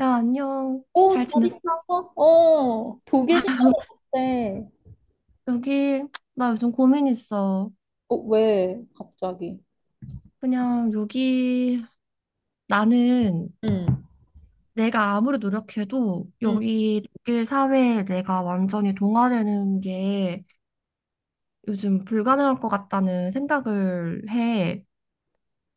야, 안녕. 오, 잘 잘 지냈어? 있었어? 독일 생각했 어때? 여기, 나 요즘 고민 있어. 왜, 갑자기? 그냥 여기, 나는 응, 내가 아무리 노력해도 응. 여기 독일 사회에 내가 완전히 동화되는 게 요즘 불가능할 것 같다는 생각을 해.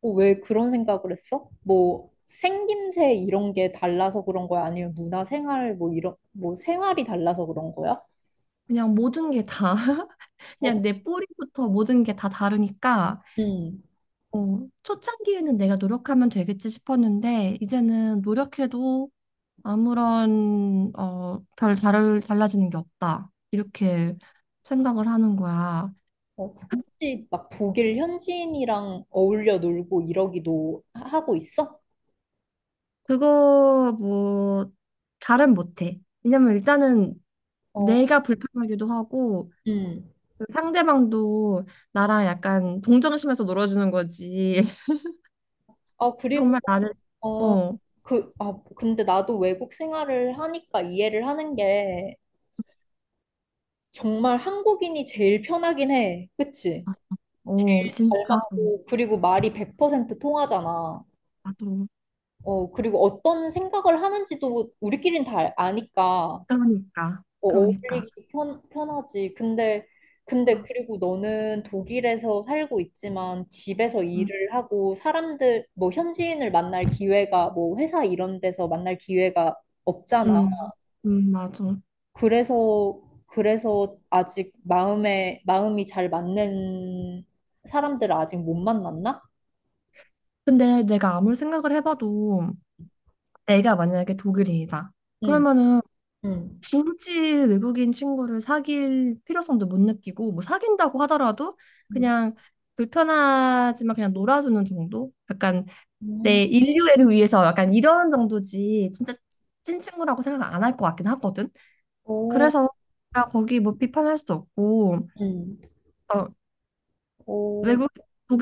왜 그런 생각을 했어? 뭐, 생김새 이런 게 달라서 그런 거야? 아니면 문화 생활, 뭐, 이런, 뭐, 생활이 달라서 그런 거야? 그냥 모든 게 다, 어, 그냥 내 뿌리부터 모든 게 다 다르니까, 응. 초창기에는 내가 노력하면 되겠지 싶었는데, 이제는 노력해도 아무런 별 달라지는 게 없다. 이렇게 생각을 하는 거야. 혹시 막 독일 현지인이랑 어울려 놀고 이러기도 하고 있어? 그거 뭐 잘은 못해. 왜냐면 일단은 어, 내가 불편하기도 하고 응. 그 상대방도 나랑 약간 동정심에서 놀아주는 거지. 아, 그리고, 정말 나를 어, 어, 근데 나도 외국 생활을 하니까 이해를 하는 게, 정말 한국인이 제일 편하긴 해. 그치? 잘 진짜. 맞고, 그리고 말이 100% 통하잖아. 나도 그리고 어떤 생각을 하는지도 우리끼린 다 아니까 그러니까 그러니까. 어울리기 편하지. 근데 아, 그리고 너는 독일에서 살고 있지만 집에서 음, 일을 하고 사람들, 뭐 현지인을 만날 기회가 뭐 회사 이런 데서 만날 기회가 없잖아. 음, 맞아. 그래서 그래서 아직 마음에 마음이 잘 맞는 사람들을 아직 못 만났나? 근데 내가 아무리 생각을 해봐도 내가 만약에 독일인이다. 응, 그러면은 응, 굳이 외국인 친구를 사귈 필요성도 못 느끼고 뭐 사귄다고 하더라도 응, 그냥 불편하지만 그냥 놀아주는 정도? 약간 응. 내 인류애를 위해서 약간 이런 정도지 진짜 찐친구라고 생각 안 할 것 같긴 하거든. 오, 그래서 나 거기 뭐 비판할 수도 없고 응, 어, 오, 외국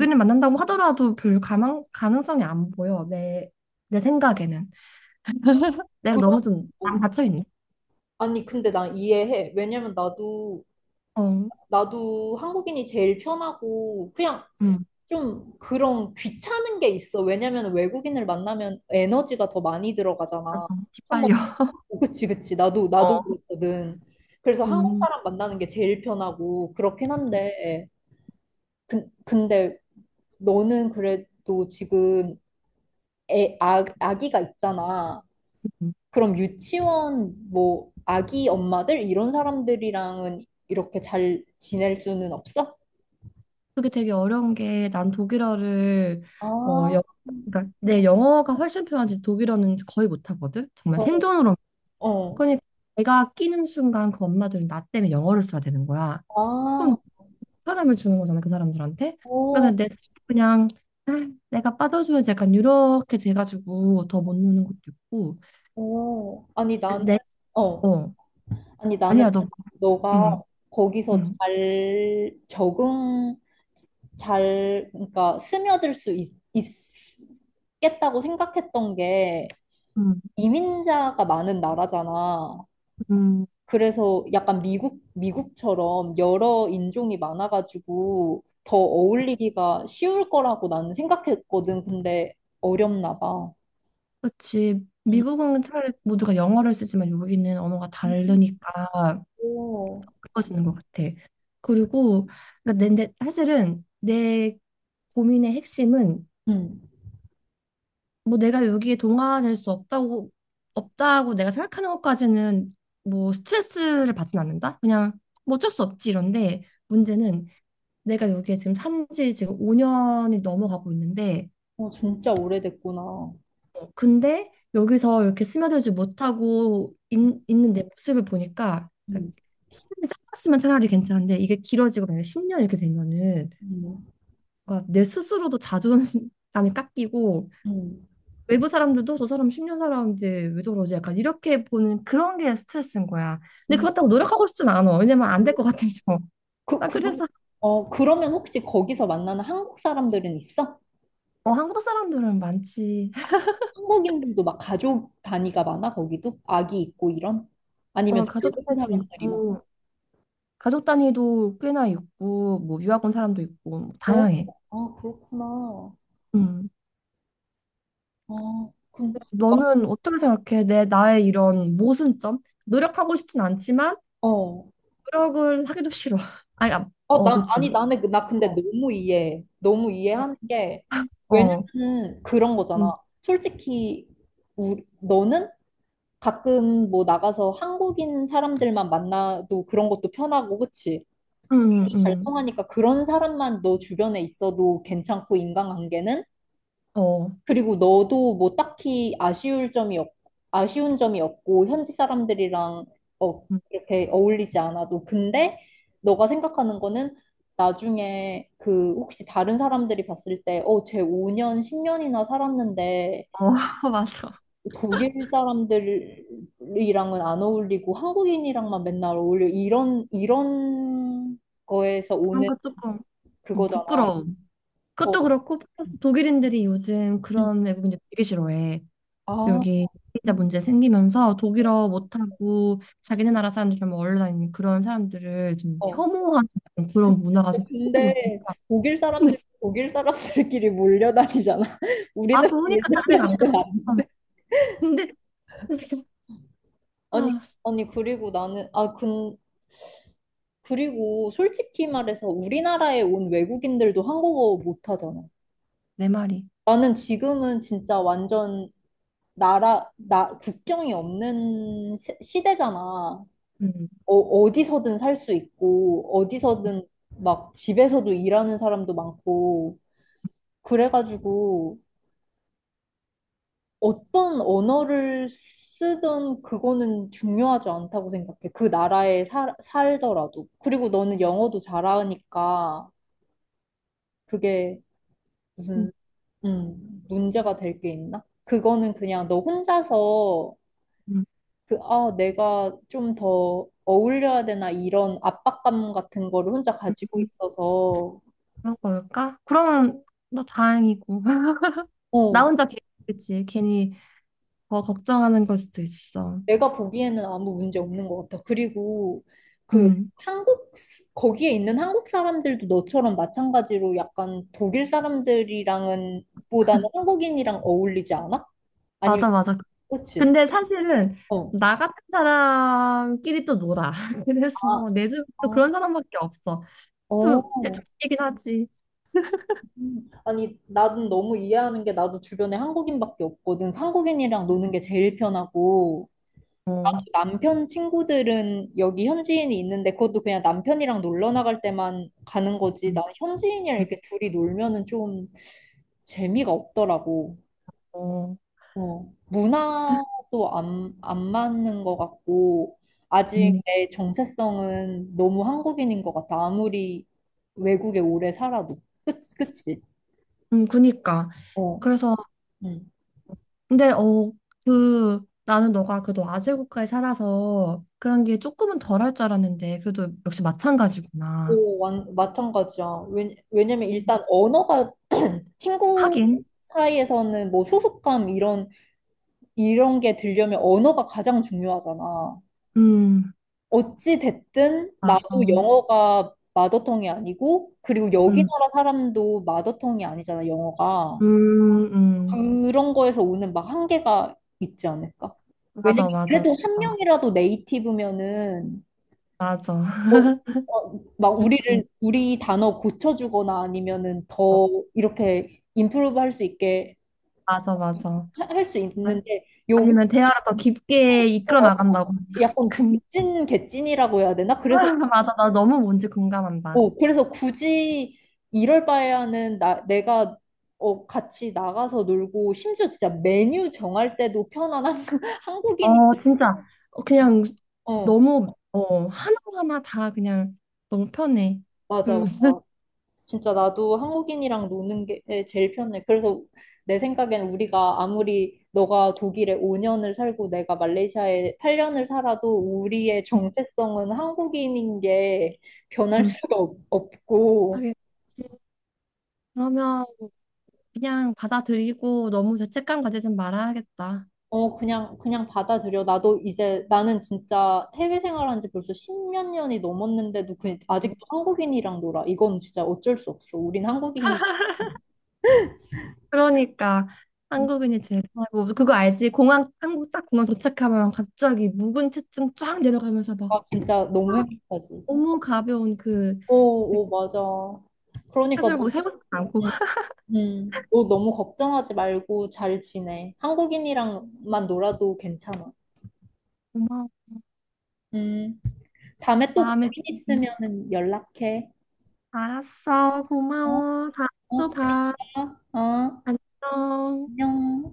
응. 만난다고 하더라도 별 가능성이 안 보여 내, 내 생각에는. 내가 너무 그럼. 좀 안 오. 닫혀 있네. 아니, 근데 난 이해해. 왜냐면 나도 어, 나도 한국인이 제일 편하고 그냥 음. 좀 그런 귀찮은 게 있어. 왜냐면 외국인을 만나면 에너지가 더 많이 맞아. 들어가잖아. 한번, 기빨려. 그치 그치, 나도 어, 나도 그랬거든. 그래서 한국 음, 사람 만나는 게 제일 편하고 그렇긴 한데 근데 너는 그래도 지금 아기가 있잖아. 음. 그럼 유치원, 뭐 아기 엄마들 이런 사람들이랑은 이렇게 잘 지낼 수는 없어? 그게 되게 어려운 게 난 독일어를 어, 아, 영, 그러니까 내 영어가 훨씬 편하지 독일어는 거의 못하거든. 정말 어, 생존으로. 어, 그러니까 내가 끼는 순간 그 엄마들은 나 때문에 영어를 써야 되는 거야. 아, 그럼 편함을 주는 거잖아 그 사람들한테. 어. 그러니까 내 자식 그냥 아, 내가 빠져주면 약간 이렇게 돼가지고 더 못 노는 것도 있고. 오, 아니 나는, 내 어, 어 아니 나는 아니야 너 너가 음, 거기서 음. 잘 적응, 잘, 그러니까 스며들 수 있겠다고 생각했던 게 음, 이민자가 많은 나라잖아. 음. 그래서 약간 미국처럼 여러 인종이 많아가지고 더 어울리기가 쉬울 거라고 나는 생각했거든. 근데 어렵나 봐. 그렇지. 음. 미국은 차라리 모두가 영어를 쓰지만 여기는 언어가 다르니까 오. 어려워지는 것 같아. 그리고 그러니까 사실은 내 고민의 핵심은 뭐 내가 여기에 동화될 수 없다고 없다고 내가 생각하는 것까지는 뭐 스트레스를 받진 않는다. 그냥 뭐 어쩔 수 없지 이런데 문제는 내가 여기에 지금 산지 지금 5년이 넘어가고 있는데 진짜 오래됐구나. 근데 여기서 이렇게 스며들지 못하고 는내 모습을 보니까 그러니까 음, 시간이 짧았으면 차라리 괜찮은데 이게 길어지고 만약에 10년 이렇게 되면은 음, 뭔가 내 스스로도 자존감이 깎이고 음, 외부 사람들도 저 사람 10년 살았는데 왜 저러지 약간 이렇게 보는 그런 게 스트레스인 거야. 근데 음. 그렇다고 노력하고 싶진 않아. 왜냐면 안 될 것 같아서. 그, 나 그 그래서 그러면 혹시 거기서 만나는 한국 사람들은 있어? 어, 한국 사람들은 많지. 한국인들도 막 가족 단위가 많아, 거기도? 아기 있고 이런? 아니면 어, 가족 젊은 단위도 사람들이 막, 있고 가족 단위도 꽤나 있고 뭐 유학 온 사람도 있고 뭐 어, 다양해. 아, 그렇구나. 음. 아, 그럼, 막, 너는 어떻게 생각해? 내 나의 이런 모순점? 노력하고 싶진 않지만 어. 노력을 하기도 싫어. 아니, 아, 어, 어, 나, 그치. 아니, 나는, 그- 나 근데 어, 너무 이해하는 게, 어, 어. 왜냐면은 그런 음, 거잖아. 솔직히, 너는 가끔 뭐 나가서 한국인 사람들만 만나도 그런 것도 편하고, 그치? 음, 잘 음, 통하니까 그런 사람만 너 주변에 있어도 괜찮고, 인간관계는? 어, 그리고 너도 뭐 딱히 아쉬운 점이 없고, 현지 사람들이랑 음, 이렇게 어울리지 않아도. 근데 너가 생각하는 거는 나중에 그 혹시 다른 사람들이 봤을 때, 쟤 5년, 10년이나 살았는데, 어, 맞아. 독일 사람들이랑은 안 어울리고 한국인이랑만 맨날 어울려 이런 거에서 그런 오는 거 조금 그거잖아. 부끄러움. 어, 그것도 그렇고 플러스 독일인들이 요즘 음. 그런 외국인들 되게 싫어해. 아, 여기 비자 문제 생기면서 독일어 못하고 자기네 나라 사람들 좀 얼려 다니는 그런 사람들을 좀 어. 혐오하는 그런 문화가 좀 확산되고 근데 있으니까. 독일 사람들끼리 몰려다니잖아. 아, 우리는 그러니까 사례가 안 몰려다니는 끊어졌잖아. 아닌데. 근데, 지금, 아니, 아, 아니, 그리고 나는, 아 근 그리고 솔직히 말해서 우리나라에 온 외국인들도 한국어 못하잖아. 내 말이. 나는 지금은 진짜 완전 국경이 없는 시대잖아. 음. 어디서든 살 수 있고, 어디서든 막 집에서도 일하는 사람도 많고, 그래가지고 어떤 언어를 쓰든 그거는 중요하지 않다고 생각해. 그 나라에 살더라도. 그리고 너는 영어도 잘하니까 그게 음, 무슨, 문제가 될 게 있나? 그거는 그냥 너 혼자서 음, 내가 좀 더 어울려야 되나 이런 압박감 같은 거를 혼자 가지고 음, 있어서, 그런 걸까? 그러면 나 다행이고. 나 어, 혼자 괜히, 그치? 괜히 더 걱정하는 걸 수도 있어. 내가 보기에는 아무 문제 없는 것 같아. 그리고 그 음, 한국, 거기에 있는 한국 사람들도 너처럼 마찬가지로 약간 독일 사람들이랑은 보다는 한국인이랑 어울리지 않아? 아니면, 맞아, 맞아. 그치? 근데 사실은 어. 나 같은 사람끼리 또 놀아. 아, 그래서 내 주변 또 아, 그런 사람밖에 없어. 또 어. 애초이긴 하지. 음. 아니, 나는 너무 이해하는 게 나도 주변에 한국인밖에 없거든. 한국인이랑 노는 게 제일 편하고. 어, 남편 친구들은 여기 현지인이 있는데, 그것도 그냥 남편이랑 놀러 나갈 때만 가는 거지. 음, 나는 현지인이랑 음, 이렇게 둘이 놀면은 좀 재미가 없더라고. 어, 문화도 안 맞는 것 같고, 아직 음, 내 정체성은 너무 한국인인 것 같아. 아무리 외국에 오래 살아도. 끝, 그치? 그니까. 어, 그래서 응. 근데 그 나는 너가 그래도 아재 국가에 살아서 그런 게 조금은 덜할 줄 알았는데 그래도 역시 마찬가지구나. 오, 마찬가지야. 왜냐면 일단 언어가, 친구 하긴. 사이에서는 뭐 소속감 이런 게 들려면 언어가 가장 중요하잖아. 음, 어찌 됐든 맞아. 나도 영어가 마더텅이 아니고, 그리고 여기 음, 나라 사람도 마더텅이 아니잖아, 영어가. 음, 음. 그런 거에서 오는 막 한계가 있지 않을까? 왜냐면 맞아, 맞아, 그래도 한 맞아, 명이라도 네이티브면은 맞아. 어, 어, 막 그치. 우리 단어 고쳐주거나, 아니면은 어, 더 이렇게 임프루브 할 수 있게 맞아, 맞아. 할 수 아, 있는데, 아니면 여기서 대화를 더 깊게 이끌어 와서 나간다고. 약간 근데 족진 개찐이라고 해야 되나? 그래서 맞아, 나 너무 뭔지 공감한다. 어, 그래서 굳이 이럴 바에야는 내가 같이 나가서 놀고, 심지어 진짜 메뉴 정할 때도 편한 한국, 한국인이. 어, 진짜. 어, 그냥 어, 너무 하나하나 다 그냥 너무 편해. 맞아, 그, 맞아. 진짜 나도 한국인이랑 노는 게 제일 편해. 그래서 내 생각엔 우리가 아무리 너가 독일에 5년을 살고 내가 말레이시아에 8년을 살아도 우리의 음, 정체성은 한국인인 게 변할 음. 수가 없고. 하겠지. 그러면 그냥 받아들이고 너무 죄책감 가지진 말아야겠다. 그냥 받아들여. 나도 이제, 나는 진짜 해외 생활한 지 벌써 십몇 년이 넘었는데도, 아직도 한국인이랑 놀아. 이건 진짜 어쩔 수 없어. 우린 한국인이, 그러니까 한국인이 제일 하고 그거 알지? 공항 한국 딱 공항 도착하면 갑자기 묵은 체증 쫙 내려가면서 막 아, 진짜 너무 행복하지. 너무 가벼운 그 오, 오, 맞아. 그러니까 하지만 거기 살고 싶지 않고 음, 너 너무 걱정하지 말고 잘 지내. 한국인이랑만 놀아도 괜찮아. 고마워 음, 다음에 또 고민 마음에 드니. 있으면은 연락해. 알았어 어, 고마워 다음에 어, 또 잘 봐. 있어. 어, 안녕 안녕.